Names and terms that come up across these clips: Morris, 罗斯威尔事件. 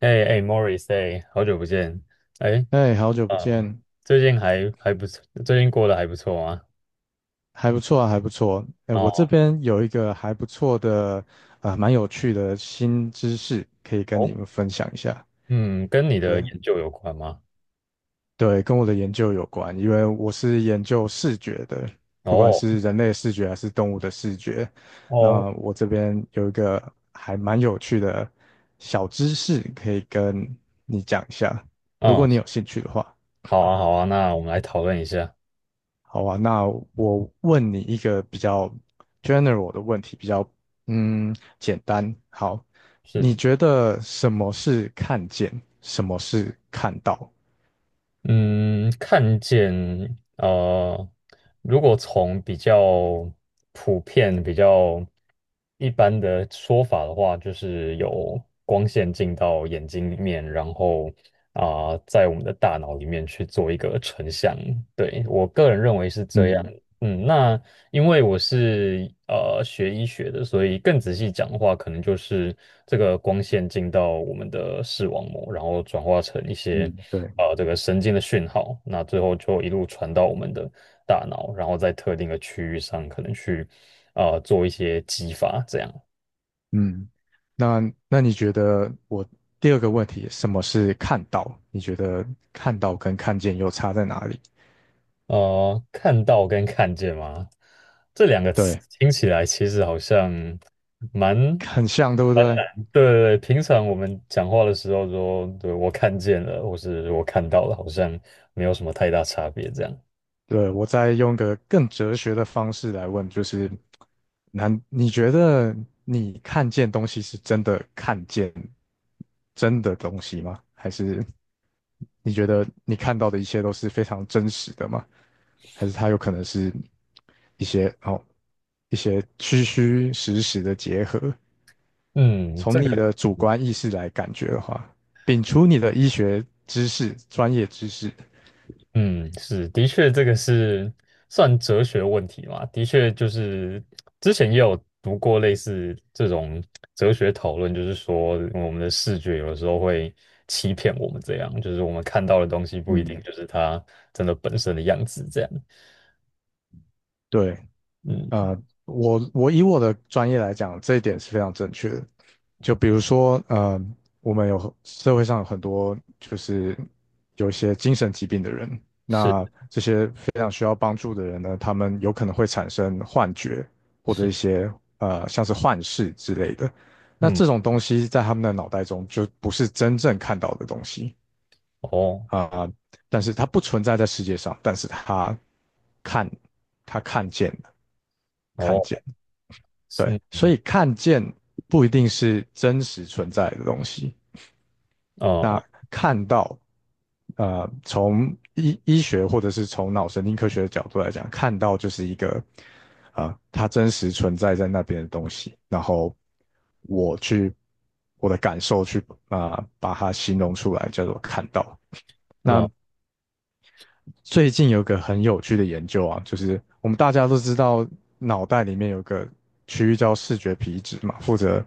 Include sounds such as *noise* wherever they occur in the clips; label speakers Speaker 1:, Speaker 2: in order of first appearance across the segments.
Speaker 1: 哎哎，Morris，哎，好久不见，哎，
Speaker 2: 哎，好久不
Speaker 1: 呃，
Speaker 2: 见。
Speaker 1: 最近还不错，最近过得还不错吗？
Speaker 2: 还不错啊，还不错。哎，我这
Speaker 1: 哦
Speaker 2: 边有一个还不错的，蛮有趣的新知识，可以跟你
Speaker 1: 哦，
Speaker 2: 们分享一下。
Speaker 1: 嗯，跟你的
Speaker 2: 对，
Speaker 1: 研究有关吗？
Speaker 2: 对，跟我的研究有关，因为我是研究视觉的，不管
Speaker 1: 哦
Speaker 2: 是人类的视觉还是动物的视觉。
Speaker 1: 哦，
Speaker 2: 那我这边有一个还蛮有趣的小知识，可以跟你讲一下，如
Speaker 1: 嗯，
Speaker 2: 果你有兴趣的话。
Speaker 1: 好啊好啊，那我们来讨论一下，
Speaker 2: 好啊，那我问你一个比较 general 的问题，比较简单。好，你
Speaker 1: 是，
Speaker 2: 觉得什么是看见，什么是看到？
Speaker 1: 嗯，看见，呃，如果从比较普遍、比较一般的说法的话，就是有光线进到眼睛里面，然后在我们的大脑里面去做一个成像。对，我个人认为是这样。
Speaker 2: 嗯
Speaker 1: 嗯，那因为我是学医学的，所以更仔细讲的话，可能就是这个光线进到我们的视网膜，然后转化成一些
Speaker 2: 嗯，对，
Speaker 1: 这个神经的讯号，那最后就一路传到我们的大脑，然后在特定的区域上可能去做一些激发，这样。
Speaker 2: 嗯。那那你觉得我第二个问题，什么是看到？你觉得看到跟看见又差在哪里？
Speaker 1: 看到跟看见吗？这两个词
Speaker 2: 对，
Speaker 1: 听起来其实好像蛮
Speaker 2: 很像，对不对？
Speaker 1: 对对对，平常我们讲话的时候说，对，我看见了，或是我看到了，好像没有什么太大差别这样。
Speaker 2: 对，我再用个更哲学的方式来问，就是，难？你觉得你看见东西是真的看见真的东西吗？还是你觉得你看到的一切都是非常真实的吗？还是它有可能是一些哦一些虚虚实实的结合？
Speaker 1: 嗯，
Speaker 2: 从
Speaker 1: 这
Speaker 2: 你
Speaker 1: 个，
Speaker 2: 的主观意识来感觉的话，摒除你的医学知识、专业知识。
Speaker 1: 嗯，是，的确，这个是算哲学问题嘛？的确，就是之前也有读过类似这种哲学讨论，就是说我们的视觉有的时候会欺骗我们，这样，就是我们看到的东西不一定
Speaker 2: 嗯，
Speaker 1: 就是它真的本身的样子，这样。
Speaker 2: 对，
Speaker 1: 嗯，
Speaker 2: 呃，我以我的专业来讲，这一点是非常正确的。就比如说，我们有社会上有很多就是有一些精神疾病的人，
Speaker 1: 是
Speaker 2: 那这些非常需要帮助的人呢，他们有可能会产生幻觉或者
Speaker 1: 是，
Speaker 2: 一些像是幻视之类的。那
Speaker 1: 嗯，
Speaker 2: 这种东西在他们的脑袋中就不是真正看到的东西
Speaker 1: 哦
Speaker 2: 啊，但是它不存在在世界上，但是看，他看见了，看
Speaker 1: 哦，
Speaker 2: 见。对，
Speaker 1: 是。
Speaker 2: 所
Speaker 1: 嗯
Speaker 2: 以看见不一定是真实存在的东西。那
Speaker 1: 哦，
Speaker 2: 看到，从医学或者是从脑神经科学的角度来讲，看到就是一个，它真实存在在那边的东西。然后我去我的感受去把它形容出来，叫做看到。
Speaker 1: 哦，
Speaker 2: 最近有个很有趣的研究啊，就是我们大家都知道，脑袋里面有个区域叫视觉皮质嘛，负责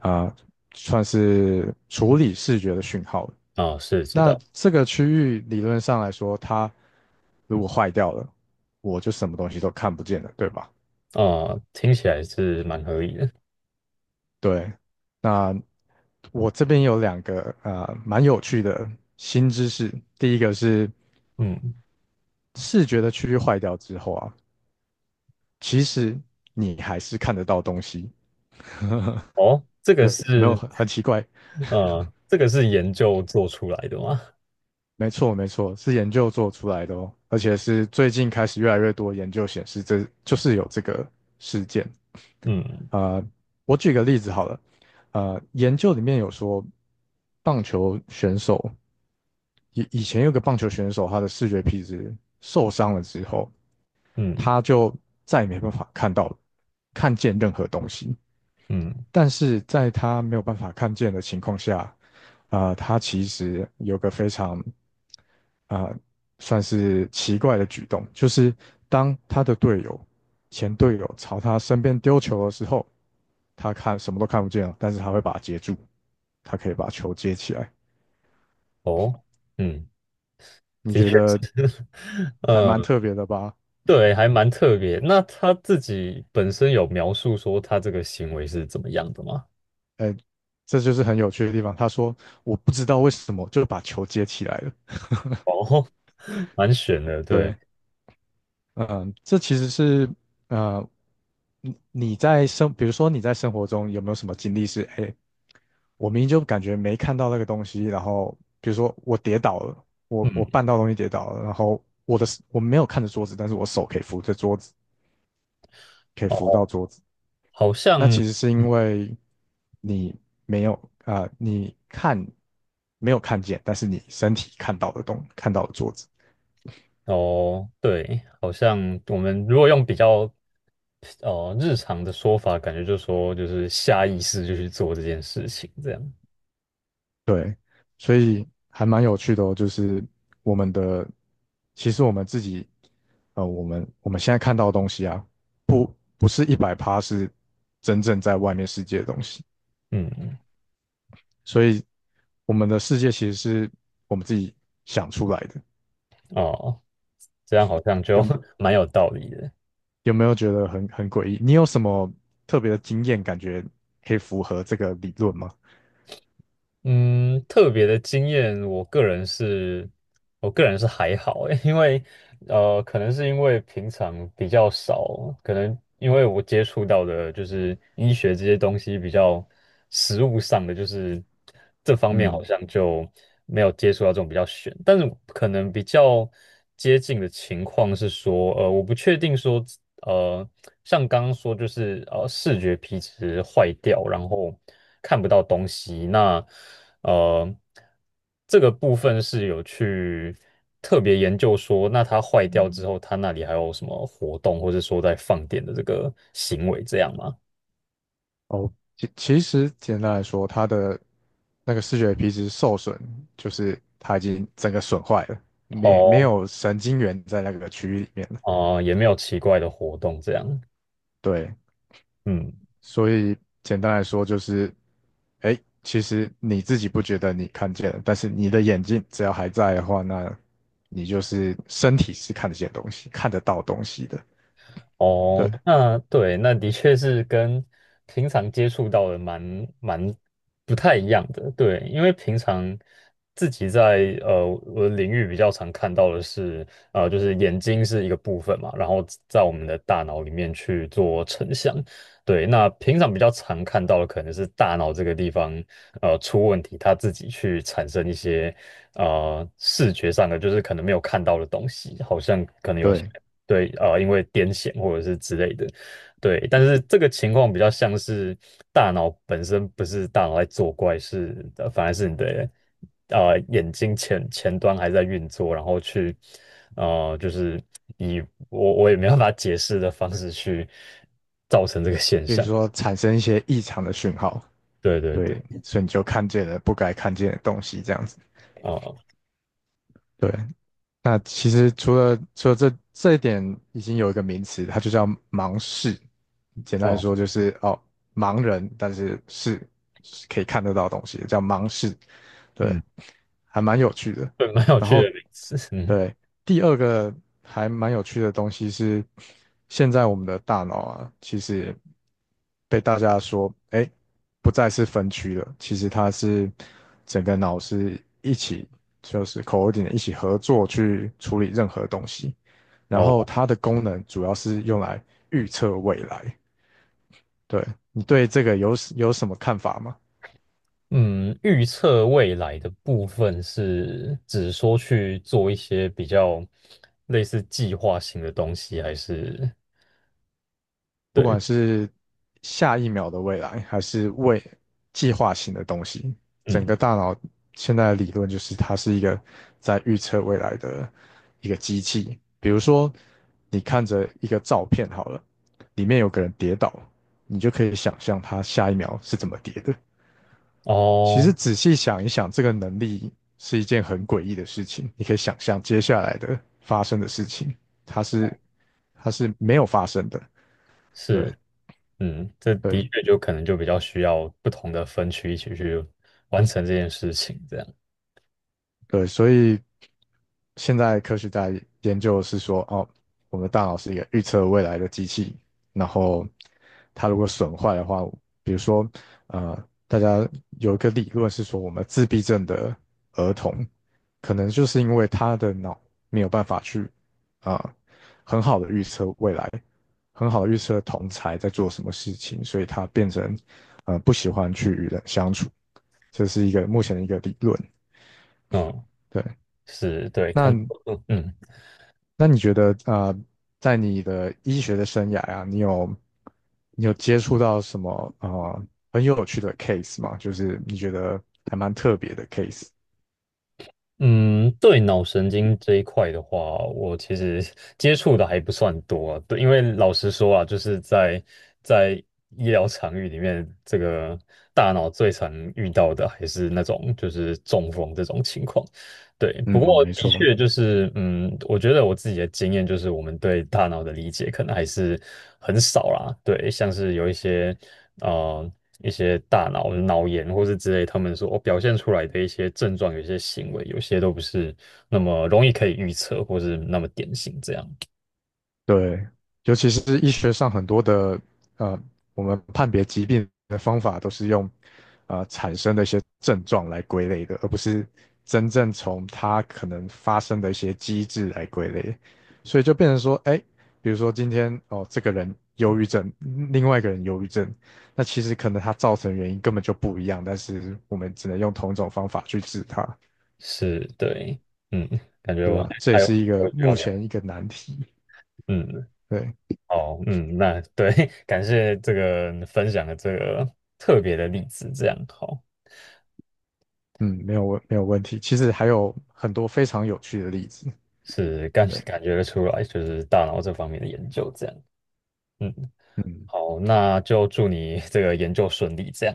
Speaker 2: 啊、呃算是处理视觉的讯号。
Speaker 1: 哦，是知
Speaker 2: 那
Speaker 1: 道，
Speaker 2: 这个区域理论上来说，它如果坏掉了，我就什么东西都看不见了，对吧？
Speaker 1: 哦，听起来是蛮合理的，
Speaker 2: 对，那我这边有两个啊，蛮有趣的新知识。第一个是
Speaker 1: 嗯，
Speaker 2: 视觉的区域坏掉之后啊，其实你还是看得到东西，
Speaker 1: 哦，这个
Speaker 2: 有没有
Speaker 1: 是，
Speaker 2: 很奇怪？
Speaker 1: 这个是研究做出来的吗？
Speaker 2: 没错，没错，是研究做出来的哦，而且是最近开始越来越多研究显示这，就是有这个事件。
Speaker 1: 嗯
Speaker 2: 呃，我举个例子好了，研究里面有说，棒球选手以以前有个棒球选手，他的视觉皮质受伤了之后，
Speaker 1: 嗯
Speaker 2: 他就再也没办法看见任何东西，
Speaker 1: 嗯，
Speaker 2: 但是在他没有办法看见的情况下，他其实有个非常啊、呃算是奇怪的举动，就是当他的队友、前队友朝他身边丢球的时候，他看什么都看不见了，但是他会把它接住，他可以把球接起来。
Speaker 1: 哦，嗯，
Speaker 2: 你
Speaker 1: 的确
Speaker 2: 觉
Speaker 1: 是，
Speaker 2: 得
Speaker 1: *laughs*
Speaker 2: 还蛮
Speaker 1: 呃，
Speaker 2: 特别的吧？
Speaker 1: 对，还蛮特别。那他自己本身有描述说他这个行为是怎么样的吗？
Speaker 2: 哎，这就是很有趣的地方。他说："我不知道为什么就把球接起来了。"
Speaker 1: 哦，*laughs* 蛮悬
Speaker 2: *laughs*
Speaker 1: 的，对，
Speaker 2: 对，这其实是呃，你你在生，比如说你在生活中有没有什么经历是，哎，我明明就感觉没看到那个东西，然后比如说我跌倒了，我
Speaker 1: 嗯，
Speaker 2: 绊到东西跌倒了，然后我没有看着桌子，但是我手可以扶着桌子，可以
Speaker 1: 哦，
Speaker 2: 扶到桌子，
Speaker 1: 好
Speaker 2: 那
Speaker 1: 像。
Speaker 2: 其实是
Speaker 1: 嗯
Speaker 2: 因为你没有啊、呃你看没有看见，但是你身体看到的桌子。
Speaker 1: 哦，对，好像我们如果用比较哦，日常的说法感觉就说就是下意识就去做这件事情，这样，
Speaker 2: 对，所以还蛮有趣的哦，就是我们的，其实我们自己，我们现在看到的东西啊，不是100%是真正在外面世界的东西，
Speaker 1: 嗯，
Speaker 2: 所以我们的世界其实是我们自己想出来的。
Speaker 1: 哦，这样好像就
Speaker 2: 有
Speaker 1: *laughs* 蛮有道理的。
Speaker 2: 有没有觉得很诡异？你有什么特别的经验，感觉可以符合这个理论吗？
Speaker 1: 嗯，特别的经验，我个人是，我个人是还好欸，因为可能是因为平常比较少，可能因为我接触到的就是医学这些东西比较实物上的，就是这方面好
Speaker 2: 嗯
Speaker 1: 像就没有接触到这种比较悬，但是可能比较接近的情况是说，我不确定说，呃，像刚刚说就是视觉皮质坏掉，然后看不到东西，那。呃，这个部分是有去特别研究说，那它坏掉之后，它那里还有什么活动，或者说在放电的这个行为这样吗？
Speaker 2: 哦，其实简单来说，它的那个视觉皮质受损，就是它已经整个损坏了，没没
Speaker 1: 哦，
Speaker 2: 有神经元在那个区域里面了。
Speaker 1: 哦、也没有奇怪的活动这样，
Speaker 2: 对，
Speaker 1: 嗯。
Speaker 2: 所以简单来说就是，哎，其实你自己不觉得你看见了，但是你的眼睛只要还在的话，那你就是身体是看得见东西，看得到东西的。对
Speaker 1: 哦，那对，那的确是跟平常接触到的蛮不太一样的，对，因为平常自己在我的领域比较常看到的是，就是眼睛是一个部分嘛，然后在我们的大脑里面去做成像，对，那平常比较常看到的可能是大脑这个地方出问题，它自己去产生一些视觉上的，就是可能没有看到的东西，好像。可能有些。
Speaker 2: 对，
Speaker 1: 对，因为癫痫或者是之类的，对，但是这个情况比较像是大脑本身不是大脑在作怪，是反而是你的眼睛前端还在运作，然后去就是以我也没办法解释的方式去造成这个现
Speaker 2: 比如
Speaker 1: 象，
Speaker 2: 说产生一些异常的讯号，
Speaker 1: 对对对，
Speaker 2: 对，所以你就看见了不该看见的东西，这样子。
Speaker 1: 哦、
Speaker 2: 对，那其实除了这一点，已经有一个名词，它就叫盲视。简单来
Speaker 1: 哦，
Speaker 2: 说就是哦，盲人，但是是可以看得到东西的，叫盲视。对，
Speaker 1: 嗯，
Speaker 2: 还蛮有趣的。
Speaker 1: 对，蛮有
Speaker 2: 然
Speaker 1: 趣
Speaker 2: 后
Speaker 1: 的名词，嗯。
Speaker 2: 对，第二个还蛮有趣的东西是，现在我们的大脑啊，其实被大家说，哎，不再是分区了，其实它是整个脑是一起，就是 c o o r d i n a 一起合作去处理任何东西，然后
Speaker 1: 哦。
Speaker 2: 它的功能主要是用来预测未来。对，你对这个有什么看法吗？
Speaker 1: 嗯，预测未来的部分是指说去做一些比较类似计划性的东西，还是
Speaker 2: 不
Speaker 1: 对，
Speaker 2: 管是下一秒的未来，还是未计划型的东西，整
Speaker 1: 嗯，
Speaker 2: 个大脑现在的理论就是它是一个在预测未来的一个机器。比如说，你看着一个照片好了，里面有个人跌倒，你就可以想象他下一秒是怎么跌的。其
Speaker 1: 哦，
Speaker 2: 实仔细想一想，这个能力是一件很诡异的事情。你可以想象接下来的发生的事情，它是它是没有发生的。对
Speaker 1: 是，嗯，这的
Speaker 2: 对，
Speaker 1: 确就可能就比较需要不同的分区一起去完成这件事情，这样，
Speaker 2: 对，所以现在科学家研究的是说，哦，我们的大脑是一个预测未来的机器，然后它如果损坏的话，比如说，大家有一个理论是说，我们自闭症的儿童，可能就是因为他的脑没有办法去，啊、很好的预测未来，很好的预测同才在做什么事情，所以他变成，不喜欢去与人相处，这是一个目前的一个理论。
Speaker 1: 嗯，
Speaker 2: 对。
Speaker 1: 是对，看，
Speaker 2: 那
Speaker 1: 嗯。
Speaker 2: 那你觉得在你的医学的生涯啊，你有接触到什么很有趣的 case 吗？就是你觉得还蛮特别的 case。
Speaker 1: 嗯，对脑神经这一块的话，我其实 *laughs* 接触的还不算多啊对，因为老实说啊，就是在在医疗场域里面，这个大脑最常遇到的还是那种就是中风这种情况。对，
Speaker 2: 嗯，
Speaker 1: 不过
Speaker 2: 没
Speaker 1: 的
Speaker 2: 错。
Speaker 1: 确就是，嗯，我觉得我自己的经验就是，我们对大脑的理解可能还是很少啦。对，像是有一些，呃，一些大脑脑炎或是之类，他们说哦表现出来的一些症状，有些行为，有些都不是那么容易可以预测，或是那么典型。这样
Speaker 2: 对，尤其是医学上很多的呃，我们判别疾病的方法都是用产生的一些症状来归类的，而不是真正从它可能发生的一些机制来归类，所以就变成说，哎，比如说今天哦，这个人忧郁症，另外一个人忧郁症，那其实可能他造成的原因根本就不一样，但是我们只能用同一种方法去治它，
Speaker 1: 是对，嗯，感觉
Speaker 2: 对
Speaker 1: 我们
Speaker 2: 吧？
Speaker 1: 还
Speaker 2: 这也
Speaker 1: 还有
Speaker 2: 是一个
Speaker 1: 我需要
Speaker 2: 目
Speaker 1: 聊，
Speaker 2: 前一个难题，
Speaker 1: 嗯，
Speaker 2: 对。
Speaker 1: 哦，嗯，那对，*laughs* 感谢这个分享的这个特别的例子，这样好。
Speaker 2: 嗯，没有问题。其实还有很多非常有趣的例子。
Speaker 1: 是感
Speaker 2: 对，
Speaker 1: 感觉得出来，就是大脑这方面的研究这样。嗯，
Speaker 2: 嗯，
Speaker 1: 好，那就祝你这个研究顺利，这样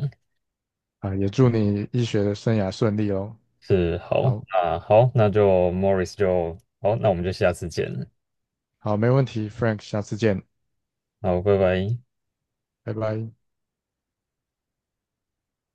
Speaker 2: 啊，也祝你医学的生涯顺利哦。
Speaker 1: 是好。
Speaker 2: 好，
Speaker 1: 那好，那就 Morris 就好，那我们就下次见了，
Speaker 2: 好，没问题，Frank,下次见，
Speaker 1: 好，拜拜。
Speaker 2: 拜拜。